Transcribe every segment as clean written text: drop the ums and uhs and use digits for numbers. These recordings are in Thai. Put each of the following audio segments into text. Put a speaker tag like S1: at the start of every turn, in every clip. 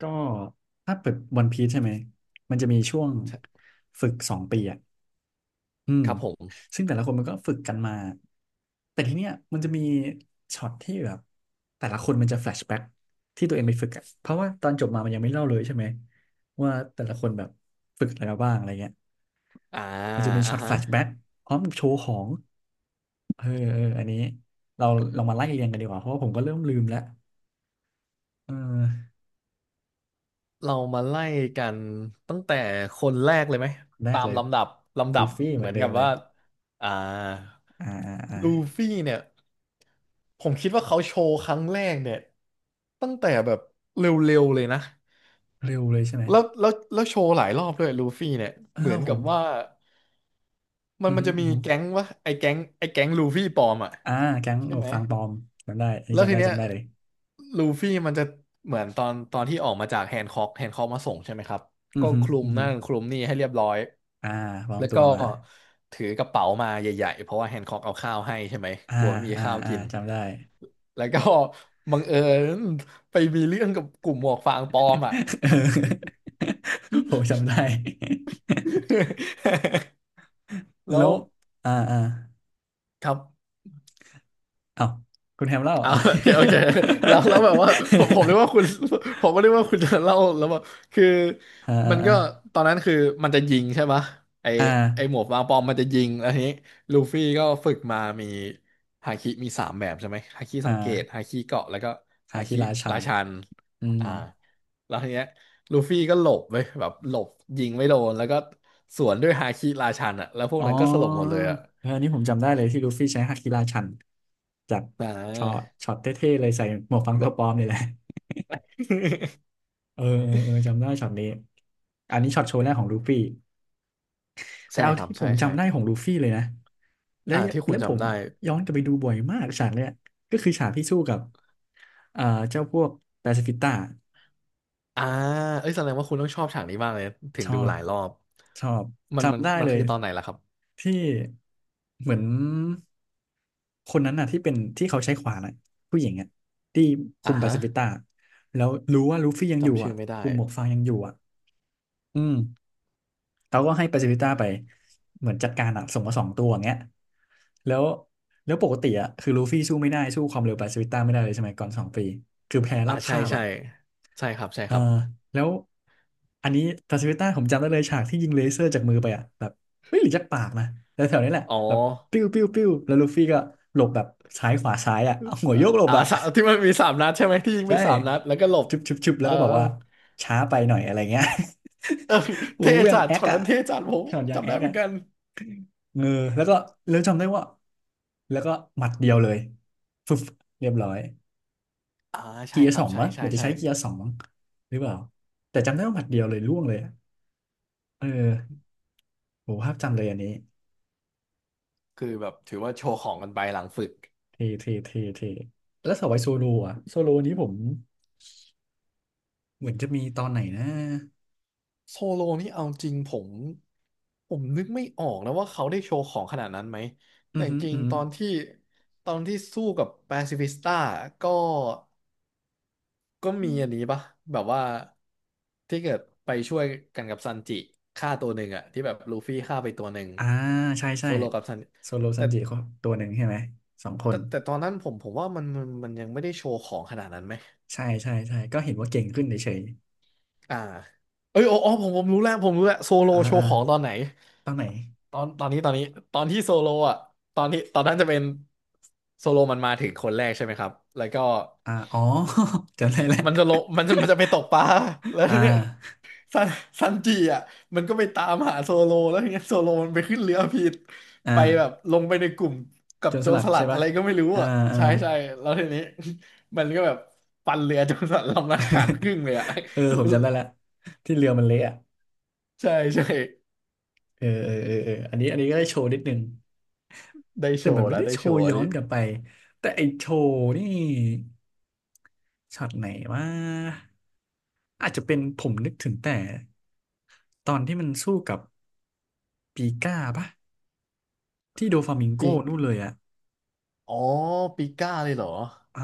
S1: ก็ถ้าเปิดวันพี e ใช่ไหมมันจะมีช่วงฝึกสองปีอ่ะอืม
S2: ครับผม
S1: ซึ่งแต่ละคนมันก็ฝึกกันมาแต่ทีเนี้ยมันจะมีช็อตที่แบบแต่ละคนมันจะแฟลชแบ็กที่ตัวเองไปฝึกอ่ะเพราะว่าตอนจบมามันยังไม่เล่าเลยใช่ไหมว่าแต่ละคนแบบฝึกอะไรมาบ้างอะไรเงี้ย
S2: อ่า
S1: มันจะมีช็
S2: อ่ะ
S1: อตแฟ
S2: ฮะ
S1: ลชแบ็กพร้อมกับโชว์ของเออเอออันนี้เราลองมาไล่เรียงกันดีกว่าเพราะว่าผมก็เริ่มลืมแล้วเออ
S2: เรามาไล่กันตั้งแต่คนแรกเลยไหม
S1: คนแร
S2: ตา
S1: ก
S2: ม
S1: เลย
S2: ลำดับลำดั
S1: ดู
S2: บ
S1: ฟี่เห
S2: เห
S1: มื
S2: มื
S1: อน
S2: อน
S1: เดิ
S2: กั
S1: ม
S2: บ
S1: เล
S2: ว่า
S1: ย
S2: อ่า
S1: อ่าอ่าอ่า
S2: ลูฟี่เนี่ยผมคิดว่าเขาโชว์ครั้งแรกเนี่ยตั้งแต่แบบเร็วๆเลยนะ
S1: เร็วเลยใช่ไหม
S2: แล้วโชว์หลายรอบด้วยลูฟี่เนี่ย
S1: เออ
S2: เหมือน
S1: ผ
S2: กั
S1: ม
S2: บว่า มัน
S1: อือ
S2: มัน
S1: ฮึ
S2: จะ
S1: อื
S2: มี
S1: อฮึ
S2: แก๊งวะไอ้แก๊งลูฟี่ปลอมอ่ะ
S1: อ่าแก๊งห
S2: ใช่
S1: มวก
S2: ไหม
S1: ฟางปลอมจำได้อันนี้
S2: แล้ว
S1: จำ
S2: ที
S1: ได้
S2: เนี้ย
S1: จำได้เลย
S2: ลูฟี่มันจะเหมือนตอนที่ออกมาจากแฮนค็อกมาส่งใช่ไหมครับ
S1: อื
S2: ก็
S1: อฮึ
S2: คลุม
S1: อือฮึ
S2: นั่นคลุมนี่ให้เรียบร้อย
S1: อ่าปลอม
S2: แล้ว
S1: ตั
S2: ก็
S1: วมา
S2: ถือกระเป๋ามาใหญ่ๆเพราะว่าแฮนค็อกเอาข้าวให้ใช่ไหม
S1: อ่า
S2: กลัวไม่มี
S1: อ่า
S2: ข้าว
S1: อ่า
S2: กิน
S1: จำได้
S2: แล้วก็ บังเอิญไปมีเรื่องกับกลุ่มหมวกฟางปลอมอ่ะ
S1: เออผมจำได้
S2: แล้
S1: แล้
S2: ว
S1: วอ่าอ่า
S2: ครับ
S1: เอ้าคุณแฮมเล่า
S2: ออา
S1: อ่ะ
S2: โอเคแล้วแบบว่าผมผมนึกว่าคุณผมก็นึกว่าคุณจะเล่าแล้วว่าคือ
S1: อ่า
S2: มัน
S1: อ่า
S2: ก็ตอนนั้นคือมันจะยิงใช่ปะไอ
S1: อ่าอ่
S2: ไอหม
S1: า
S2: วกวางปอมมันจะยิงแล้วทีนี้ลูฟี่ก็ฝึกมามีฮาคิมีสามแบบใช่ไหมฮาคิสังเกต
S1: อา
S2: ฮาคิเกาะแล้วก็
S1: อา
S2: ฮา
S1: คิ
S2: คิ
S1: ราชั
S2: รา
S1: น
S2: ชัน
S1: อืม
S2: อ่าแล้วทีเนี้ยลูฟี่ก็หลบไปแบบหลบยิงไม่โดนแล้วก็สวนด้วยฮาคิราชันอ่ะแล้วพวก
S1: อ๋อ
S2: นั้นก็สลบหมดเลยอ่ะ
S1: เอออันนี้ผมจำได้เลยที่ลูฟี่ใช้ฮาคิราชันจาก
S2: อ่
S1: ช็อต
S2: า
S1: ช็อตเท่ๆเลยใส่หมวกฟังตัวปลอมนี่แหละ เออเออเออ จำได้ช็อตนี้ อันนี้ช็อตโชว์แรกของลูฟี่ แต่
S2: ใช่
S1: เอา
S2: ครับ
S1: ที่ผ
S2: ใช่
S1: ม
S2: ใช่
S1: จำได้ของลูฟี่เลยนะแล้ว
S2: อ่าที่คุ
S1: แล้
S2: ณ
S1: วผม
S2: จำได้
S1: ย้อนกลับไปดูบ่อยมากฉากเนี้ยก็คือฉากที่สู้กับเอ่อเจ้าพวกปาซิฟิสต้า
S2: อ่าเอ้ยแสดงว่าคุณต้องชอบฉากนี้มากเลยถึ
S1: ช
S2: ง
S1: อ
S2: ดูห
S1: บ
S2: ลายรอบ
S1: ชอบ
S2: มันมัน
S1: จำได้
S2: มัน
S1: เล
S2: คื
S1: ย
S2: อตอนไหนล่ะครับ
S1: ที่เหมือน คนนั้นน่ะที่เป็นที่เขาใช้ขวานน่ะผู้หญิงอ่ะที่คุ
S2: อ่า
S1: มปา
S2: ฮะ
S1: ซิฟิต้าแล้วรู้ว่าลูฟี่ยังอยู่
S2: จำชื่
S1: อ่ะ
S2: อไม่ได้
S1: กลุ่มหมวกฟางยังอยู่อ่ะอืมเขาก็ให้ปาซิฟิต้าไปเหมือนจัดการอ่ะส่งมาสองตัวอย่างเงี้ยแล้วแล้วปกติอ่ะคือลูฟี่สู้ไม่ได้สู้ความเร็วปาซิฟิต้าไม่ได้เลยใช่ไหมก่อนสองปีคือแพ้
S2: อ่า
S1: ราบ
S2: ใช่
S1: คาบ
S2: ใช่
S1: อ่ะ
S2: ใช่ครับใช่
S1: เออ
S2: ครับ
S1: แล้วอันนี้ตาสวิต้าผมจำได้เลยฉากที่ยิงเลเซอร์จากมือไปอ่ะแบบไม่หรือจากปากนะแต่แถวๆนี้แหละ
S2: อ๋อ
S1: แบบปิ้วปิ้วปิ้วแล้วลูฟี่ก็หลบแบบซ้ายขวาซ้ายอ่ะเอาหัวโยกหลบ
S2: อ่า
S1: อ่ะ
S2: สามที่ มันมีสามนัดใช่ไหมที่ยิงไป
S1: ใช่
S2: สามนัดแล้วก็หลบ
S1: ชุบชุบชุบแล้
S2: เอ
S1: ว
S2: อ
S1: ก็บอกว่าช้าไปหน่อยอะไรเงี้ย
S2: เอ อ เท
S1: อู้ยัง
S2: จัด
S1: แอค
S2: ช็อต
S1: อ่ะ
S2: นั้นเทจัดผม
S1: ช็อตยัง
S2: จำ
S1: แอ
S2: ได้
S1: ค
S2: เหมือ
S1: อ่ะ
S2: นกัน
S1: เออแล้วก็แล้วจำได้ว่าแล้วก็หมัดเดียวเลยฟึบเรียบร้อย
S2: อ่าใช่
S1: เกียร์
S2: ค
S1: ส
S2: รั
S1: อ
S2: บ
S1: ง
S2: ใช่
S1: มั้งเห
S2: ใช่
S1: มือนจะ
S2: ใช่
S1: ใช้เกียร์สองมั้งหรือเปล่าแต่จำได้ว่าหมัดเดียวเลยล่วงเลยอะเออ โหภาพจำเลยอันนี้
S2: คือแบบถือว่าโชว์ของกันไปหลังฝึก
S1: เท่เท่เท่เท่แล้วสวายโซโลอะโซโลนี้ผมเหมือนจะมีตอนไหนนะ
S2: โซโลนี่เอาจริงผมนึกไม่ออกนะว่าเขาได้โชว์ของขนาดนั้นไหม
S1: อื
S2: แต่
S1: อ
S2: จ
S1: หือ
S2: ริ
S1: อื
S2: ง
S1: อหื
S2: ต
S1: อ
S2: อนที่สู้กับแปซิฟิสต้าก็มีอันนี้ปะแบบว่าที่เกิดไปช่วยกันกับซันจิฆ่าตัวหนึ่งอะที่แบบลูฟี่ฆ่าไปตัวหนึ่ง
S1: อ่าใช่ใช่
S2: โซโลกับซัน
S1: โซโลซั
S2: แต่
S1: นจิเขาตัวหนึ่งใช่ไหมสองคน
S2: แต่แต่ตอนนั้นผมว่ามันยังไม่ได้โชว์ของขนาดนั้นไหม
S1: ใช่ใช่ใช่ก็เห็นว่าเก่งขึ้นเฉย
S2: อ่าเอ้ยอ๋อผมรู้แล้วผมรู้แล้วโซโล
S1: ๆอ่า
S2: โช
S1: อ่า
S2: ว์ของตอนไหน
S1: ตอนไหน
S2: ตอนนี้ตอนนี้ตอนที่โซโลอ่ะตอนนั้นจะเป็นโซโลมันมาถึงคนแรกใช่ไหมครับแล้วก็
S1: อ่าอ๋อ จำได้แล้ว
S2: มันจะลงมันจะไปตกปลา แล้ว
S1: อ่
S2: ทีเนี้ย
S1: า
S2: ซันซันจิอ่ะมันก็ไปตามหาโซโลแล้วทีเนี้ยโซโลมันไปขึ้นเรือผิด
S1: อ
S2: ไปแบบ
S1: ่า
S2: ลงไปในกลุ่มกั
S1: โจ
S2: บ
S1: ร
S2: โจ
S1: ส
S2: ร
S1: ลัด
S2: สลั
S1: ใช่
S2: ดอะ
S1: ปะ
S2: ไรก็ไม่รู้
S1: อ่า
S2: อ่ะ
S1: อ่า
S2: ใช่ใช่แล้วทีนี้ มันก็แบบปันเรือโจรสลัดลำละขาดครึ่งเลยอ่ะ
S1: เออผมจำได้แล้วที่เรือมันเละอะ
S2: ใช่ใช่
S1: เออเออเออเอออันนี้ก็ได้โชว์นิดนึง
S2: ได้
S1: แต่
S2: โช
S1: มัน
S2: ว์
S1: ไม่
S2: แล้ว
S1: ได้
S2: ได้
S1: โช
S2: โช
S1: ว์
S2: ว์อั
S1: ย้
S2: น
S1: อ
S2: นี้
S1: นกลับไป แต่ไอโชว์นี่ช็อตไหนว่าอาจจะเป็นผมนึกถึงแต่ตอนที่มันสู้กับปีก้าปะที่โดฟามิงโก
S2: ปี
S1: นู่น
S2: ก
S1: เลยอะ
S2: อ๋อปีก้าเลยเหรอ
S1: อ่า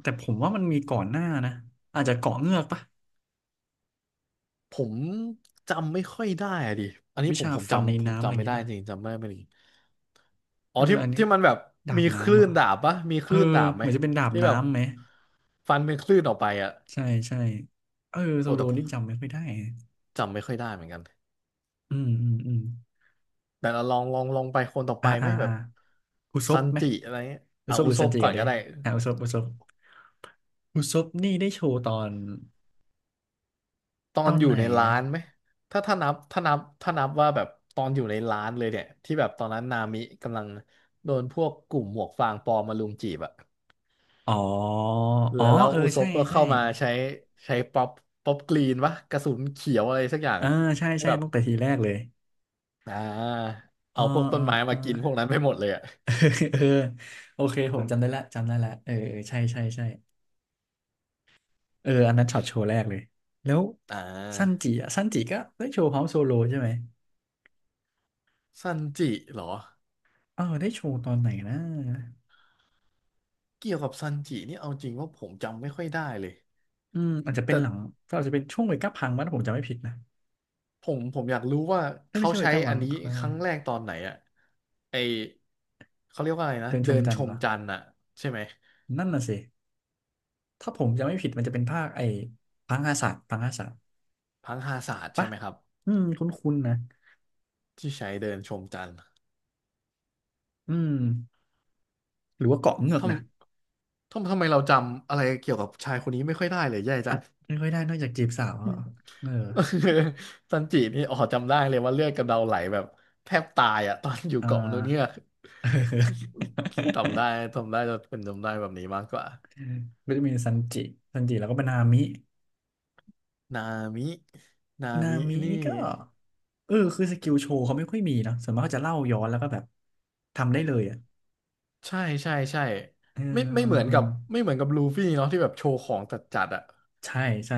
S1: แต่ผมว่ามันมีก่อนหน้านะอาจจะเกาะเงือกปะ
S2: ผมจำไม่ค่อยได้อะดิอันนี้
S1: วิชาฟันใน
S2: ผม
S1: น้ำอะไรอ
S2: จำ
S1: ย่า
S2: ไม่
S1: งงี้
S2: ได้
S1: ปะ
S2: จริงจำไม่ได้จริงอ๋อ
S1: เออ
S2: ที่
S1: อันนี้
S2: ที่มันแบบ
S1: ดา
S2: มี
S1: บ
S2: ค
S1: น้ำ
S2: ลื่
S1: เหรอ
S2: นดาบปะมีค
S1: เออ
S2: ลื่นดาบไห
S1: เห
S2: ม
S1: มือนจะเป็นดาบ
S2: ที่แบบ
S1: น้ำไหม
S2: ฟันเป็นคลื่นออกไปอะ
S1: ใช่ใช่เออโซ
S2: โอ้
S1: โล
S2: แต่ผ
S1: นี่
S2: ม
S1: จำไม่ค่อยได้
S2: จำไม่ค่อยได้เหมือนกัน
S1: อืมอืมอืม
S2: แต่เราลองไปคนต่อไป
S1: อ่า
S2: ไหม
S1: อ่า
S2: แบ
S1: อ่า
S2: บ
S1: คุซ
S2: ซั
S1: บ
S2: น
S1: ไหม
S2: จิอะไรเงี้ย
S1: อุ
S2: อ่ะ
S1: ซบ
S2: อุ
S1: หรือ
S2: ซ
S1: ซัน
S2: บ
S1: จิ
S2: ก่อ
S1: กั
S2: น
S1: นดิ
S2: ก็ได้
S1: อ่ะอุซบอุซบอุซบนี่ได้โชว์ตอน
S2: ตอ
S1: ตอ
S2: น
S1: น
S2: อยู่
S1: ไหน
S2: ในร้า
S1: นะ
S2: นไหมถ้านับว่าแบบตอนอยู่ในร้านเลยเนี่ยที่แบบตอนนั้นนามิกำลังโดนพวกกลุ่มหมวกฟางปลอมมาลุมจีบอะ
S1: อ๋ออ๋
S2: แล้
S1: อ
S2: วแล้ว
S1: เออ
S2: อุซ
S1: ใช่
S2: บก็
S1: ใช่
S2: เข้ามาใช้ใช้ป๊อปกรีนวะกระสุนเขียวอะไรสักอย่าง
S1: เออใช่
S2: ให้
S1: ใช่
S2: แบบ
S1: ตั้งแต่ทีแรกเลย
S2: อ่า
S1: อ๋อ
S2: เอาพวก
S1: อ๋
S2: ต้
S1: อ
S2: นไม้
S1: อ๋
S2: มา
S1: อ
S2: กินพวกนั้นไปหมดเลยอ่ะ
S1: เออโอเคผมจำได้ละจำได้ละเออเออใช่ใช่ใช่เอออันนั้นช็อตโชว์แรกเลยแล้ว
S2: อ่
S1: ซัน
S2: า
S1: จิอ่ะซันจิก็ได้โชว์เฮาโซโลใช่ไหม
S2: ซันจิเหรอ
S1: เออได้โชว์ตอนไหนนะ
S2: เกี่ยวกับซันจินี่เอาจริงว่าผมจำไม่ค่อยได้เลย
S1: อืมอาจจะเป็
S2: แต่
S1: นหลังก็อาจจะเป็นช่วงเวก้าพังมั้งถ้าผมจำไม่ผิดนะ
S2: ผมอยากรู้ว่า
S1: ไอ่ไม่
S2: เขา
S1: ใช่เว
S2: ใช้
S1: ก้า
S2: อั
S1: พั
S2: น
S1: ง
S2: นี้
S1: เขาเรียก
S2: ค
S1: ว่าอะ
S2: รั้งแร
S1: ไร
S2: กตอนไหนอ่ะไอเขาเรียกว่าอะไรนะ
S1: เดินช
S2: เดิ
S1: ม
S2: น
S1: จั
S2: ช
S1: นทร์เห
S2: ม
S1: รอ
S2: จันทร์อ่ะใช่ไหม
S1: นั่นน่ะสิ ถ้าผมจำไม่ผิดมันจะเป็นภาคไอ้พังอาสาพังอาสา
S2: พังฮาศาสตร์ใช่
S1: ปะ
S2: ไหมครับ
S1: อืมคุ้นๆนะ
S2: ที่ใช้เดินชมจันทร์
S1: อืมหรือว่าเกาะเงือ
S2: ท
S1: กนะ
S2: ทำไมเราจำอะไรเกี่ยวกับชายคนนี้ไม่ค่อยได้เลยแย่จัง
S1: ไม่ค่อยได้นอกจากจีบสาวเออ
S2: ซันจินี่อ๋อจำได้เลยว่าเลือดกำเดาไหลแบบแทบตายอ่ะตอนอยู่
S1: อ่า
S2: เกาะนู้นเนี่ยจำได้จะเป็นจำได้แบบนี้มากกว่า
S1: ก็จะมีซันจิซันจิแล้วก็เป็นนามิ
S2: นามินา
S1: นา
S2: มิ
S1: มิ
S2: นี่
S1: นี่ก็เออคือสกิลโชว์เขาไม่ค่อยมีเนาะส่วนมากเขาจะเล่าย้อนแล้วก็แบบทำได้เลยอ่ะ
S2: ใช่ใช่ใช่
S1: เออ
S2: ไม่ไม่เหมือน
S1: เอ
S2: กับ
S1: อ
S2: ไม่เหมือนกับลูฟี่เนาะที่แบบโชว์ของจัดอ่ะ
S1: ใช่ใช่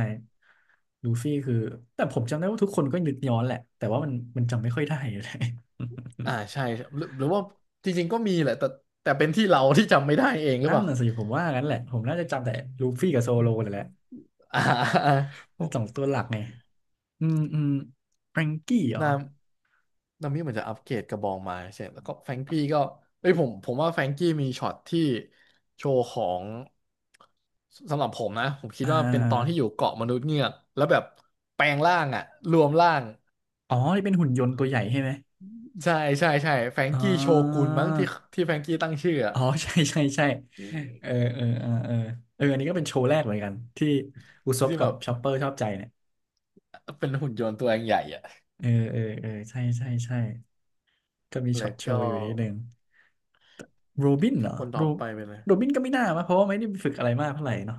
S1: ลูฟี่คือแต่ผมจำได้ว่าทุกคนก็นึกย้อนแหละแต่ว่ามันจำไม่ค่อยได้เลย
S2: อ่าใช่หรือว่าจริงๆก็มีแหละแต่แต่เป็นที่เราที่จำไม่ได้เองหรือ
S1: นั่
S2: เป
S1: น
S2: ล่า
S1: น่ะสิผมว่างั้นแหละผมน่าจะจำแต่ลูฟี่กับโซโลเลยแหละ
S2: อ่า อ่า
S1: สองตัวหลักไงอืมอืมแฟรงกี้เหรอ
S2: นาม นามิเหมือนจะอัปเกรดกระบองมาใช่แล้วก็แฟรงกี้ก็เอ้ยผมว่าแฟรงกี้มีช็อตที่โชว์ของสำหรับผมนะผมคิ
S1: อ่
S2: ดว่าเป็นตอนที่
S1: า
S2: อยู่เกาะมนุษย์เงือกแล้วแบบแปลงร่างอ่ะรวมร่าง
S1: อ๋อนี่เป็นหุ่นยนต์ตัวใหญ่ใช่ไหม
S2: ใช่ใช่ใช่แฟรง
S1: อ๋
S2: กี้โชกุนมั้งที่
S1: อ
S2: ที่แฟรงกี้ตั้งชื่ออะ
S1: อ๋อ ใช่ใช่ใช่
S2: อื
S1: เออ
S2: ม
S1: เออเออเออเอออันนี้ก็เป็นโชว์แรกเหมือนกันที่อุซบ
S2: ที่
S1: กั
S2: แบ
S1: บ
S2: บ
S1: ชอปเปอร์ชอบใจเนี่ย
S2: เป็นหุ่นยนต์ตัวเองใหญ่อ่ะ
S1: เออเออเออใช่ใช่ใช่ก็มีช็อ
S2: แล้
S1: ต
S2: ว
S1: โช
S2: ก็
S1: ว์อยู่นิดนึงโรบินเหรอ
S2: คนต่
S1: โร
S2: อไปเป็นอะไร
S1: โรบินก็ไม่น่ามาเพราะว่าไม่ได้ฝึกอะไรมากเท่าไหร่เนาะ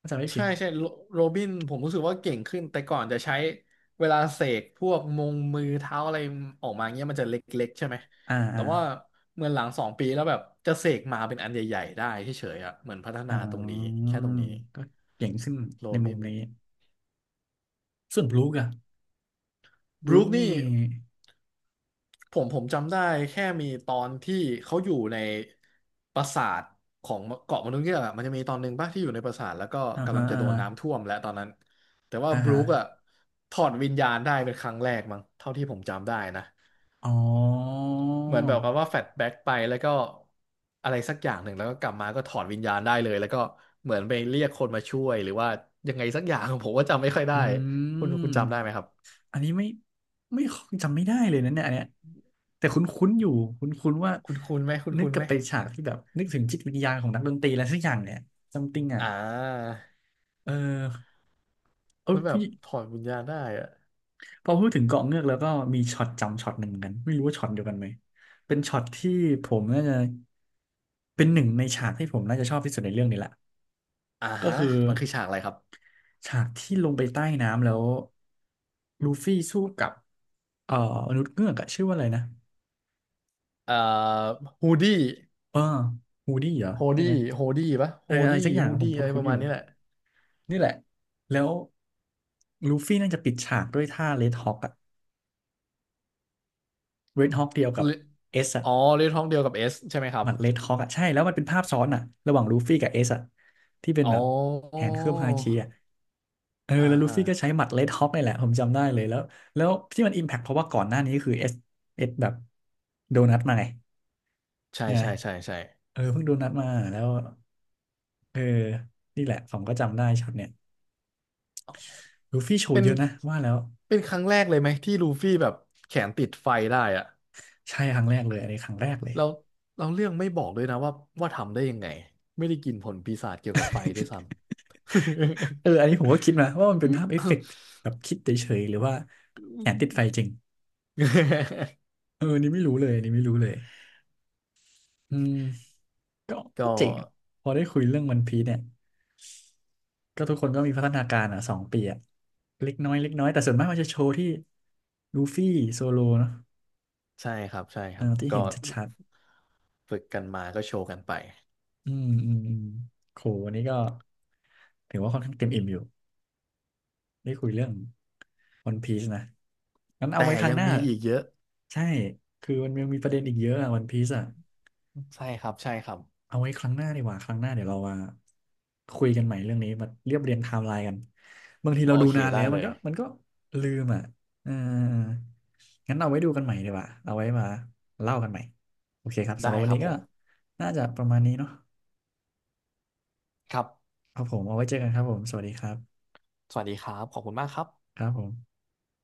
S1: ถ้าจำไม่ผิ
S2: ใช่
S1: ด
S2: ใช่โรโรบินผมรู้สึกว่าเก่งขึ้นแต่ก่อนจะใช้เวลาเสกพวกมงมือเท้าอะไรออกมาเงี้ยมันจะเล็กๆใช่ไหม
S1: อ่า
S2: แต่
S1: อ่า
S2: ว่าเหมือนหลัง2 ปีแล้วแบบจะเสกมาเป็นอันใหญ่ๆได้เฉยๆอ่ะเหมือนพัฒ
S1: อ๋
S2: นาตรงนี้
S1: อ
S2: แค่ตรงนี้
S1: ก็เก่งขึ้น
S2: โร
S1: ในมุ
S2: บิ
S1: ม
S2: น
S1: นี้ส่วนบลูกอะบ
S2: บ
S1: ลู
S2: รู
S1: ก
S2: ค
S1: นี่
S2: นี่ ผมจำได้แค่มีตอนที่เขาอยู่ในปราสาทของเกาะมนุษย์เงือกอะมันจะมีตอนหนึ่งป่ะที่อยู่ในปราสาทแล้วก็
S1: อ่า
S2: กำ
S1: ฮะ
S2: ลังจะ
S1: อ่า
S2: โดน
S1: ฮะ
S2: น้ำท่วมและตอนนั้นแต่ว่า
S1: อ่า
S2: บรู
S1: ฮะ
S2: คอะถอดวิญญาณได้เป็นครั้งแรกมั้งเท่าที่ผมจำได้นะ
S1: อ๋อ
S2: เหมือนแบบกับว่าแฟลชแบ็กไปแล้วก็อะไรสักอย่างหนึ่งแล้วก็กลับมาก็ถอดวิญญาณได้เลยแล้วก็เหมือนไปเรียกคนมาช่วยหรือว่ายังไงสักอย่าง ผมก็จำไม่ค่อยได้
S1: อื
S2: คุณ
S1: ม
S2: จำได้ไหมครับ
S1: อันนี้ไม่ไม่จำไม่ได้เลยนะเนี่ยอันเนี้ยแต่คุ้นๆอยู่คุ้นๆว่า
S2: คุณคุณไหมคุณ
S1: นึก
S2: คุณ
S1: กลั
S2: ไห
S1: บ
S2: ม
S1: ไปฉากที่แบบนึกถึงจิตวิญญาณของนักดนตรีอะไรสักอย่างเนี่ยซัมติงอ่ะ
S2: อ่า
S1: เออเออ
S2: มันแบ
S1: ผู้
S2: บถอดวิญญาณได้อะ
S1: พอพูดถึงเกาะเงือกแล้วก็มีช็อตจำช็อตหนึ่งเหมือนกันไม่รู้ว่าช็อตเดียวกันไหมเป็นช็อตที่ผมน่าจะเป็นหนึ่งในฉากที่ผมน่าจะชอบที่สุดในเรื่องนี้แหละ
S2: อ่า
S1: ก็
S2: ฮะ
S1: คือ
S2: มันคือฉากอะไรครับ
S1: ฉากที่ลงไปใต้น้ำแล้วลูฟี่สู้กับเอ่อมนุษย์เงือกอะชื่อว่าอะไรนะ
S2: เอ่อฮูดี้
S1: เออฮูดี้เหรอ
S2: โฮ
S1: ใช่
S2: ดี้
S1: ไหม
S2: โฮดี้ปะ
S1: เอ
S2: โฮ
S1: ออะไร
S2: ดี้
S1: สักอย่าง
S2: ฮู
S1: ผ
S2: ดี้
S1: ม
S2: อะไรป
S1: คุ้น
S2: ระ
S1: ๆอ
S2: มาณ
S1: ยู่
S2: นี้แหละ
S1: นี่แหละแล้วลูฟี่น่าจะปิดฉากด้วยท่าเรดฮอ k อะเรดฮอ k เดียวกั
S2: เล
S1: บ
S2: อ
S1: เอสอะ
S2: อ๋อเรื่องท้องเดียวกับเอสใช่ไหมครั
S1: ห
S2: บ
S1: มัดเรดฮอกอ่ะใช่แล้วมันเป็นภาพซ้อนอ่ะระหว่างลูฟี่กับเอสอ่ะที่เป็น
S2: อ๋
S1: แบบแข
S2: อ
S1: นเคลือบฮาคิอ่ะเออ
S2: อ่า
S1: แล้วลู
S2: อ่า
S1: ฟี่ก็ใช้หมัดเรดฮอกนี่แหละผมจำได้เลยแล้วแล้วที่มันอิมแพคเพราะว่าก่อนหน้านี้คือเอสเอสแบบโดนัทมาไง
S2: ใช่
S1: ใช่ไหม
S2: ใช่ใช่ใช่
S1: เออเพิ่งโดนัทมาแล้วเออนี่แหละผมก็จำได้ช็อตเนี่ยลูฟี่โช
S2: เป็
S1: ว์
S2: น
S1: เยอะนะว่าแล้ว
S2: เป็นครั้งแรกเลยไหมที่ลูฟี่แบบแขนติดไฟได้อะ
S1: ใช่ครั้งแรกเลยอันนี้ครั้งแรกเลย
S2: แล้วเราเรื่องไม่บอกด้วยนะว่าทำได้ยังไงไม่ได้กินผลปีศาจเกี่ยวกับไฟด้วยซ้ำ
S1: เอออันนี้ผมก็คิดนะว่ามันเป็นภาพเอฟเฟกต์แบบคิดเฉยๆหรือว่าแขนติดไฟจริง เอออันนี่ไม่รู้เลยอันนี่ไม่รู้เลยอืม ก็
S2: ก็
S1: ก็เจ๋งอะพอได้คุยเรื่องวันพีซเนี่ยก็ทุกคนก็มีพัฒนาการอ่ะ2 ปีอ่ะเล็กน้อยเล็กน้อยแต่ส่วนมากมันจะโชว์ที่ลูฟี่โซโลเนาะ
S2: ใช่ครับใช่ค
S1: เออ
S2: รับ
S1: ที่
S2: ก็
S1: เห็นชัด
S2: ฝึกกันมาก็โชว์กันไป
S1: ๆอืมอืมอืมโหวันนี้ก็ถือว่าค่อนข้างเต็มอิ่มอยู่ได้คุยเรื่องวันพีซนะงั้นเอา
S2: แต่
S1: ไว้ครั้ง
S2: ยั
S1: ห
S2: ง
S1: น้า
S2: มีอีกเยอะ
S1: ใช่คือมันยังมีประเด็นอีกเยอะอ่ะวันพีซอ่ะ
S2: ใช่ครับใช่ครับ
S1: เอาไว้ครั้งหน้าดีกว่าครั้งหน้าเดี๋ยวเรามาคุยกันใหม่เรื่องนี้มาเรียบเรียงไทม์ไลน์กันบางที
S2: โอ
S1: เราดู
S2: เค
S1: นาน
S2: ได้
S1: แล้วมั
S2: เล
S1: น
S2: ย
S1: ก็มันก็ลืมอ่ะเอองั้นเอาไว้ดูกันใหม่ดีกว่าเอาไว้มาเล่ากันใหม่โอเคครับ
S2: ได้
S1: สำหรับวั
S2: ค
S1: น
S2: รับ
S1: นี้
S2: ผ
S1: ก็
S2: ม
S1: น่าจะประมาณนี้เนาะ
S2: ครับ
S1: ครับผมเอาไว้เจอกันครับผมสวัสดีครับ
S2: สวัสดีครับขอบคุณมากครับ
S1: ครับผม